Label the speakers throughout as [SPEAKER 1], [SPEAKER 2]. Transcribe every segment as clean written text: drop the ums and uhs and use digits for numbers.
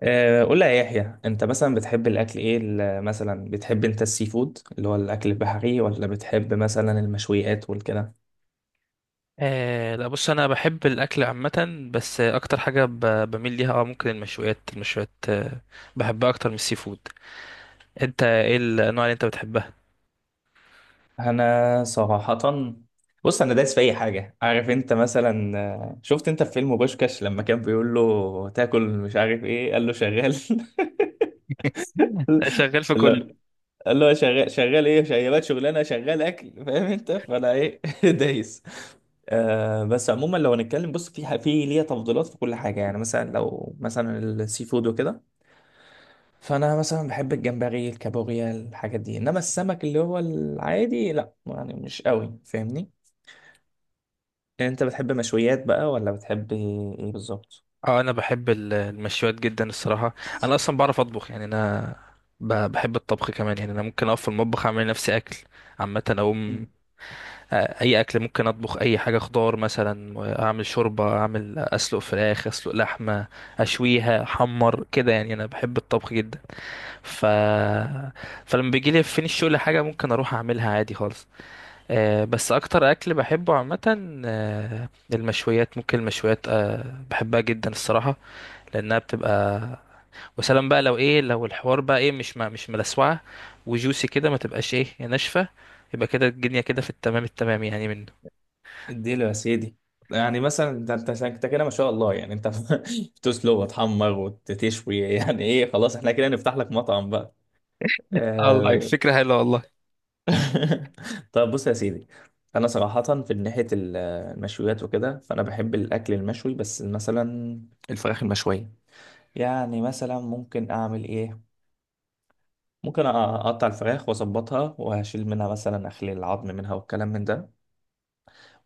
[SPEAKER 1] قول لي يا يحيى انت مثلا بتحب الاكل ايه مثلا بتحب انت السي فود اللي هو الاكل البحري ولا بتحب مثلا المشويات والكده.
[SPEAKER 2] لا بص انا بحب الاكل عامه بس اكتر حاجه بميل ليها ممكن المشويات المشويات. بحبها اكتر من السي فود. انت ايه الانواع اللي انت بتحبها؟
[SPEAKER 1] انا صراحة، بص انا دايس في اي حاجة. عارف انت مثلا شفت انت في فيلم بوشكاش لما كان بيقول له تاكل مش عارف ايه، قال له شغال.
[SPEAKER 2] شغال في كله.
[SPEAKER 1] لا، اللي هو شغال، شغال ايه، شغال شغلانه، شغال اكل، فاهم انت؟ فانا ايه دايس. آه بس عموما لو هنتكلم، بص في في ليا تفضيلات في كل حاجه يعني. مثلا لو مثلا السي فود وكده، فانا مثلا بحب الجمبري، الكابوريا، الحاجات دي. انما السمك اللي هو العادي لا، يعني مش قوي، فاهمني؟ يعني انت بتحب مشويات بقى ولا بتحب ايه، إيه بالظبط؟
[SPEAKER 2] اه انا بحب المشويات جدا الصراحه. انا اصلا بعرف اطبخ يعني انا بحب الطبخ كمان. يعني انا ممكن اقف في المطبخ اعمل لنفسي اكل عامه اقوم. آه، اي اكل ممكن اطبخ، اي حاجه خضار مثلا، اعمل شوربه، اعمل، اسلق فراخ، اسلق لحمه، اشويها، احمر كده. يعني انا بحب الطبخ جدا. ف... فلما بيجي لي فين الشغل حاجه ممكن اروح اعملها عادي خالص. بس اكتر اكل بحبه عامه، المشويات، ممكن المشويات، بحبها جدا الصراحه، لانها بتبقى، وسلام بقى لو ايه، لو الحوار بقى ايه، مش ما مش ملسوعه، وجوسي كده، ما تبقاش ايه ناشفه، يبقى كده الدنيا كده في التمام التمام يعني منه.
[SPEAKER 1] اديله يا سيدي. يعني مثلا ده انت، انت كده ما شاء الله، يعني انت بتسلق وتحمر وتشوي، يعني ايه، خلاص احنا كده نفتح لك مطعم بقى.
[SPEAKER 2] الله،
[SPEAKER 1] آه.
[SPEAKER 2] فكرة حلوة والله.
[SPEAKER 1] طب بص يا سيدي، انا صراحة في ناحية المشويات وكده، فانا بحب الاكل المشوي. بس مثلا الفراخ المشوية، يعني مثلا ممكن اعمل ايه، ممكن اقطع الفراخ واظبطها وهشيل منها مثلا، اخلي العظم منها والكلام من ده.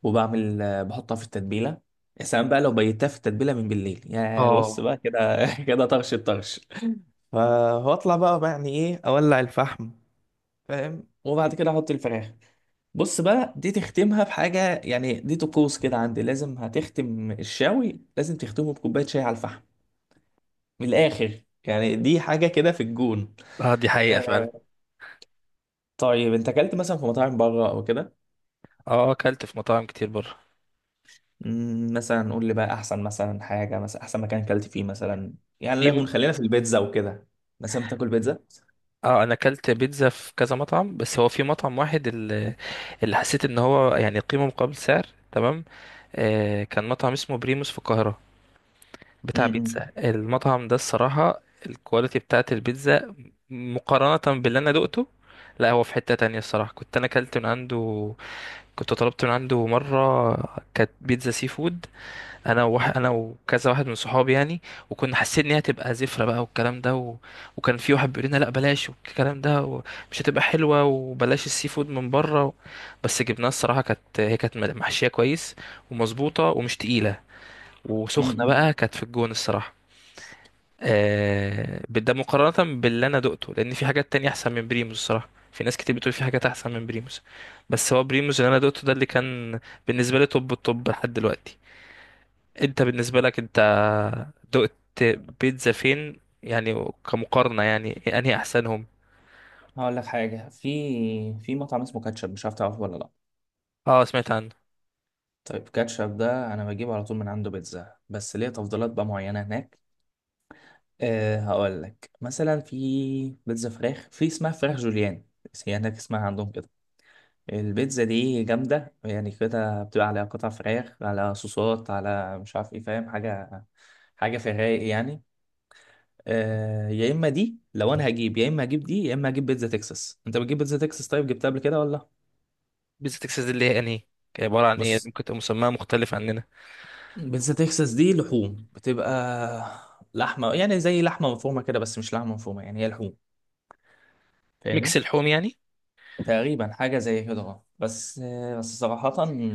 [SPEAKER 1] وبعمل بحطها في التتبيله. يا سلام بقى لو بيتها في التتبيله من بالليل، يا بص
[SPEAKER 2] اه.
[SPEAKER 1] بقى كده كده طرش الطرش. فاطلع بقى يعني ايه، اولع الفحم، فاهم، وبعد كده احط الفراخ. بص بقى دي تختمها بحاجه، يعني دي طقوس كده عندي، لازم هتختم الشاوي، لازم تختمه بكوبايه شاي على الفحم، من الاخر يعني، دي حاجه كده في الجون.
[SPEAKER 2] اه دي حقيقة فعلا.
[SPEAKER 1] آه، طيب انت اكلت مثلا في مطاعم بره او كده؟
[SPEAKER 2] اه، اكلت في مطاعم كتير بره.
[SPEAKER 1] مم، مثلا قول لي بقى احسن مثلا حاجه، مثلا احسن مكان اكلت فيه مثلا. يعني لا يكون،
[SPEAKER 2] في،
[SPEAKER 1] خلينا في البيتزا وكده. مثلا بتاكل بيتزا؟
[SPEAKER 2] اه انا اكلت بيتزا في كذا مطعم، بس هو في مطعم واحد اللي حسيت ان هو يعني قيمة مقابل سعر، تمام. آه كان مطعم اسمه بريموس في القاهرة، بتاع
[SPEAKER 1] امم.
[SPEAKER 2] بيتزا. المطعم ده الصراحة الكواليتي بتاعت البيتزا مقارنة باللي انا دقته. لا، هو في حتة تانية الصراحة كنت انا اكلت من عنده، كنت طلبت من عنده مرة، كانت بيتزا سي فود. انا وكذا واحد من صحابي يعني، وكنا حاسين ان هي هتبقى زفره بقى والكلام ده، وكان في واحد بيقول لنا لا بلاش والكلام ده ومش هتبقى حلوه وبلاش السي فود من بره، بس جبناها الصراحه، كانت، هي كانت محشيه كويس ومظبوطه ومش تقيله وسخنه
[SPEAKER 1] امم.
[SPEAKER 2] بقى، كانت في الجون الصراحه. ده مقارنه باللي انا دقته، لان في حاجات تانية احسن من بريموس الصراحه، في ناس كتير بتقول في حاجات احسن من بريموس، بس هو بريموس اللي انا دقته ده اللي كان بالنسبه لي توب التوب لحد دلوقتي. انت بالنسبه لك، انت دقت بيتزا فين يعني، كمقارنة يعني، انهي احسنهم؟
[SPEAKER 1] هقول لك حاجه، في في مطعم اسمه كاتشب، مش عارف تعرفه ولا لا.
[SPEAKER 2] اه سمعت عنه.
[SPEAKER 1] طيب كاتشب ده انا بجيبه على طول من عنده بيتزا، بس ليه تفضيلات بقى معينه هناك. أه هقول لك مثلا، في بيتزا فراخ، في اسمها فراخ جوليان، هي هناك اسمها عندهم كده. البيتزا دي جامدة يعني، كده بتبقى عليها قطع فراخ، على صوصات، على مش عارف ايه، فاهم حاجة، حاجة في الرايق يعني. آه يا اما دي لو انا هجيب، يا اما هجيب دي، يا اما هجيب بيتزا تكساس. انت بتجيب بيتزا تكساس؟ طيب جبتها قبل كده ولا؟
[SPEAKER 2] بيتزا تكساس دي اللي هي انهي، عبارة عن ايه؟
[SPEAKER 1] بص،
[SPEAKER 2] ممكن تبقى مسماها مختلف عننا.
[SPEAKER 1] بيتزا تكساس دي لحوم بتبقى، لحمة يعني زي لحمة مفرومة كده، بس مش لحمة مفرومة، يعني هي لحوم،
[SPEAKER 2] ميكس
[SPEAKER 1] فاهمني؟
[SPEAKER 2] اللحوم يعني.
[SPEAKER 1] تقريبا حاجة زي هجرة. بس بس صراحة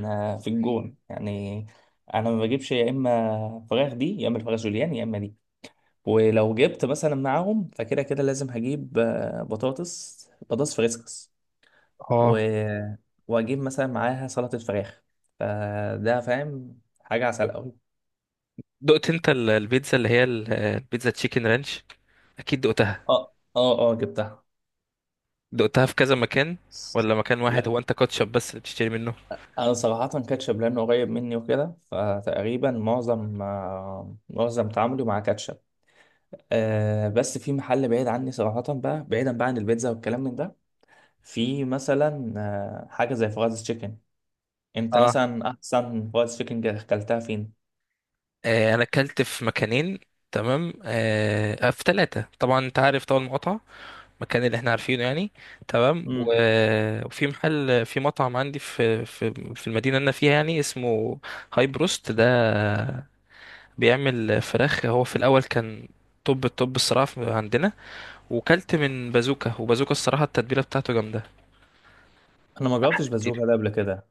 [SPEAKER 1] في الجون يعني. أنا ما بجيبش، يا إما فراخ دي، يا إما الفراخ جوليان، يا إما دي. ولو جبت مثلا معاهم، فكده كده لازم هجيب بطاطس، بطاطس فريسكس، و...
[SPEAKER 2] اه،
[SPEAKER 1] وأجيب مثلا معاها سلطة فراخ. فده فاهم حاجة عسل أوي.
[SPEAKER 2] دقت انت البيتزا اللي هي البيتزا تشيكن رانش، اكيد دقتها،
[SPEAKER 1] أه جبتها.
[SPEAKER 2] دقتها في كذا مكان ولا مكان واحد؟
[SPEAKER 1] لا،
[SPEAKER 2] هو انت كاتشب بس اللي بتشتري منه؟
[SPEAKER 1] أنا صراحة كاتشب لأنه قريب مني وكده، فتقريبا معظم معظم تعاملي مع كاتشب. آه بس في محل بعيد عني صراحة بقى، بعيدا بقى عن البيتزا والكلام من ده، في مثلا آه حاجة زي فرايز تشيكن. انت
[SPEAKER 2] اه،
[SPEAKER 1] مثلا احسن فرايز تشيكن اكلتها فين؟
[SPEAKER 2] آه انا اكلت في مكانين، تمام، في ثلاثة. طبعا انت عارف طبعا المقاطعة، المكان اللي احنا عارفينه يعني، تمام.
[SPEAKER 1] مم.
[SPEAKER 2] وفي محل، في مطعم عندي في في المدينة اللي انا فيها يعني، اسمه هاي بروست ده، بيعمل فراخ. هو في الاول كان توب التوب الصراحة عندنا. وكلت من بازوكا، وبازوكا الصراحة التتبيلة بتاعته جامدة،
[SPEAKER 1] انا ما جربتش
[SPEAKER 2] احلى كتير.
[SPEAKER 1] بازوكا ده قبل كده.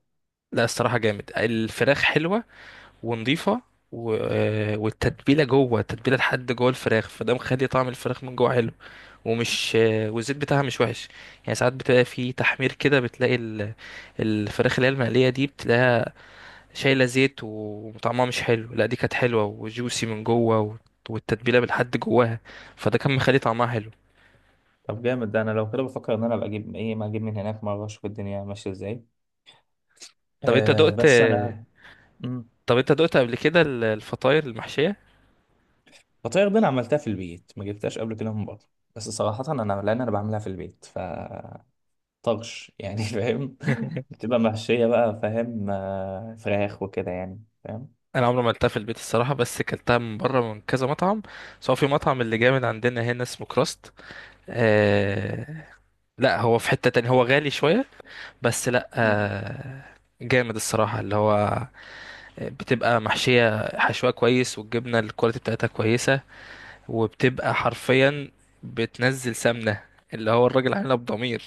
[SPEAKER 2] لا الصراحة جامد، الفراخ حلوة ونضيفة، و... آه، والتتبيلة جوه، التتبيلة لحد جوه الفراخ، فده مخلي طعم الفراخ من جوه حلو، ومش آه، والزيت بتاعها مش وحش. يعني ساعات بتلاقي في تحمير كده بتلاقي الفراخ اللي هي المقلية دي، بتلاقيها شايلة زيت وطعمها مش حلو، لا دي كانت حلوة وجوسي من جوه، والتتبيلة بالحد جواها، فده كان مخلي طعمها حلو.
[SPEAKER 1] طب جامد ده، انا لو كده بفكر ان انا ابقى اجيب ايه، ما اجيب من هناك مرة اشوف الدنيا ماشية ازاي.
[SPEAKER 2] طب انت
[SPEAKER 1] آه
[SPEAKER 2] دقت،
[SPEAKER 1] بس انا. مم.
[SPEAKER 2] طب انت دقت قبل كده الفطاير المحشية؟
[SPEAKER 1] فطاير دي انا عملتها في البيت، ما جبتهاش قبل كده من بره. بس صراحة انا لان انا بعملها في البيت، ف طرش يعني فاهم. بتبقى محشية بقى، فاهم، آه، فراخ وكده يعني، فاهم.
[SPEAKER 2] انا عمري ما اكلتها في البيت الصراحه، بس اكلتها من بره من كذا مطعم، سواء في مطعم اللي جامد عندنا هنا اسمه كراست، آه... لا هو في حته تانية، هو غالي شويه، بس لا
[SPEAKER 1] مم.
[SPEAKER 2] آه... جامد الصراحه، اللي هو بتبقى محشيه حشوه كويس، والجبنه الكواليتي بتاعتها كويسه، وبتبقى حرفيا بتنزل سمنه، اللي هو الراجل عاملها بضمير.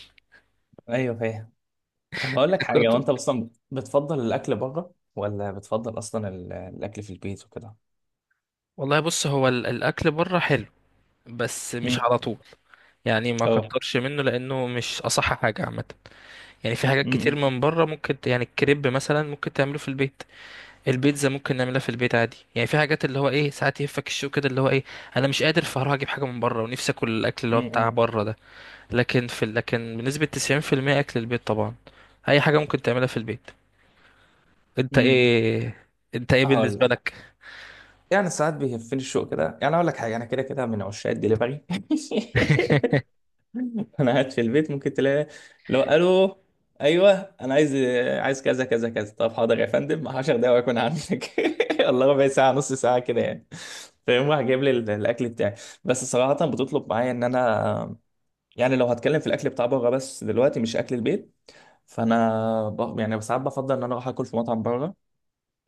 [SPEAKER 1] ايوه فاهم. طب هقول لك حاجة،
[SPEAKER 2] تاكل-
[SPEAKER 1] وانت اصلا بتفضل الاكل بره ولا بتفضل اصلا الاكل في البيت وكده؟
[SPEAKER 2] والله بص، هو الاكل بره حلو، بس مش
[SPEAKER 1] امم.
[SPEAKER 2] على طول، يعني ما
[SPEAKER 1] اه.
[SPEAKER 2] كترش منه لانه مش اصح حاجه عامه. يعني في حاجات كتير
[SPEAKER 1] امم.
[SPEAKER 2] من بره ممكن يعني الكريب مثلا ممكن تعمله في البيت، البيتزا ممكن نعملها في البيت عادي. يعني في حاجات اللي هو ايه ساعات يهفك الشوق كده، اللي هو ايه، انا مش قادر فهروح اجيب حاجه من بره ونفسي اكل الاكل اللي هو بتاع
[SPEAKER 1] امم.
[SPEAKER 2] بره ده، لكن في لكن بنسبه 90% اكل البيت طبعا، اي حاجه ممكن تعملها في البيت. انت
[SPEAKER 1] امم.
[SPEAKER 2] ايه، انت ايه
[SPEAKER 1] هقول
[SPEAKER 2] بالنسبه
[SPEAKER 1] لك،
[SPEAKER 2] لك؟
[SPEAKER 1] يعني ساعات بيهفني الشوق كده، يعني اقول لك حاجة، انا كده كده من عشاق الدليفري. انا قاعد في البيت ممكن تلاقي، لو الو، ايوه، انا عايز، عايز كذا كذا كذا، طب حاضر يا فندم 10 دقايق واكون عندك. الله، ربع ساعه، نص ساعه كده يعني. فيقوم راح جايب لي الاكل بتاعي. بس صراحه بتطلب معايا ان انا، يعني لو هتكلم في الاكل بتاع بره بس دلوقتي، مش اكل البيت، فانا يعني ساعات بفضل ان انا اروح اكل في مطعم بره،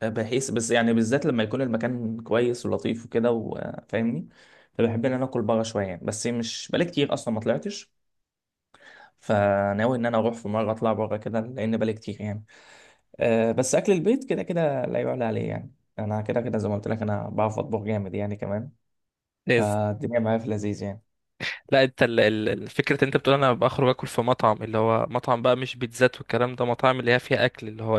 [SPEAKER 1] بحيث بس يعني بالذات لما يكون المكان كويس ولطيف وكده، وفاهمني. فبحب ان انا اكل بره شويه يعني، بس مش بقالي كتير اصلا ما طلعتش، فناوي ان انا اروح في مره اطلع بره كده، لان بالي كتير يعني. أه بس اكل البيت كده كده لا يعلى عليه يعني. انا كده كده زي ما قلت لك، انا بعرف اطبخ جامد يعني كمان،
[SPEAKER 2] لازم.
[SPEAKER 1] فالدنيا معايا في لذيذ يعني.
[SPEAKER 2] لا انت الفكره انت بتقول انا بخرج اكل في مطعم، اللي هو مطعم بقى مش بيتزات والكلام ده، مطاعم اللي هي فيها اكل اللي هو،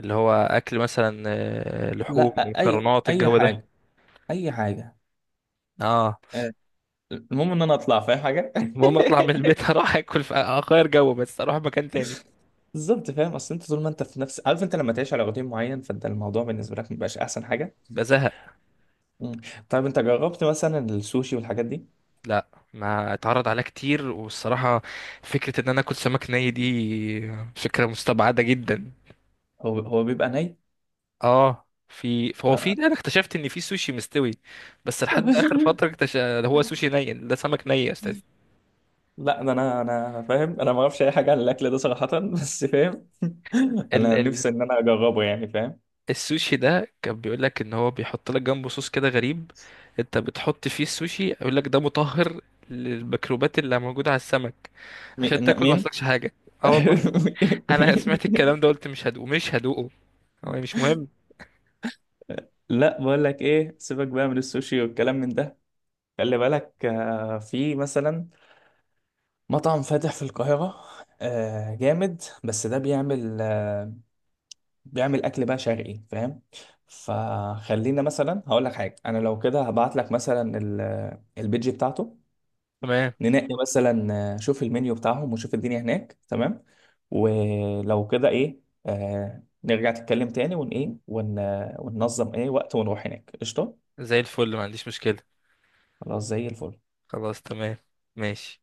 [SPEAKER 2] اللي هو اكل مثلا لحوم،
[SPEAKER 1] لا، اي
[SPEAKER 2] مكرونات،
[SPEAKER 1] اي
[SPEAKER 2] الجو ده.
[SPEAKER 1] حاجه، اي حاجه.
[SPEAKER 2] اه.
[SPEAKER 1] أه، المهم ان انا اطلع، فاهم حاجه.
[SPEAKER 2] المهم اطلع من البيت، اروح اكل في، اغير جو بس، اروح مكان تاني.
[SPEAKER 1] بالظبط فاهم، اصل انت طول ما انت في نفس، عارف انت لما تعيش على روتين معين فانت الموضوع بالنسبه لك مبيبقاش احسن حاجه.
[SPEAKER 2] بزهق.
[SPEAKER 1] مم. طيب انت جربت مثلا السوشي والحاجات دي؟
[SPEAKER 2] لا، ما اتعرض عليها كتير والصراحة، فكرة ان انا اكل سمك ني دي فكرة مستبعدة جدا.
[SPEAKER 1] هو هو بيبقى ني؟
[SPEAKER 2] اه في، فهو في انا اكتشفت ان في سوشي مستوي، بس لحد اخر فترة اكتشف هو سوشي ني ده سمك ني، يا
[SPEAKER 1] لا ده انا فاهم، انا ما اعرفش اي حاجه عن الاكل ده صراحه، بس فاهم. انا
[SPEAKER 2] استاذ.
[SPEAKER 1] نفسي ان انا اجربه يعني، فاهم.
[SPEAKER 2] السوشي ده كان بيقول لك ان هو بيحط لك جنبه صوص كده غريب، انت بتحط فيه السوشي، يقول لك ده مطهر للميكروبات اللي موجوده على السمك عشان تاكل ما
[SPEAKER 1] مين؟
[SPEAKER 2] يحصلكش حاجه. اه والله. انا
[SPEAKER 1] مين؟
[SPEAKER 2] سمعت الكلام ده قلت مش هدوقه، مش هدوقه. هو مش مهم.
[SPEAKER 1] لا بقول لك ايه، سيبك بقى من السوشي والكلام من ده. خلي بالك في مثلا مطعم فاتح في القاهره، جامد. بس ده بيعمل بيعمل اكل بقى شرقي، فاهم. فخلينا مثلا، هقول لك حاجه، انا لو كده هبعت لك مثلا البيج بتاعته،
[SPEAKER 2] تمام،
[SPEAKER 1] ننقي مثلا شوف المنيو بتاعهم وشوف الدنيا هناك، تمام. ولو كده ايه، آه نرجع نتكلم تاني ون ايه ون آه، وننظم ايه وقت ونروح هناك، قشطه.
[SPEAKER 2] زي الفل ما عنديش مشكله.
[SPEAKER 1] خلاص زي الفل.
[SPEAKER 2] خلاص تمام، ماشي.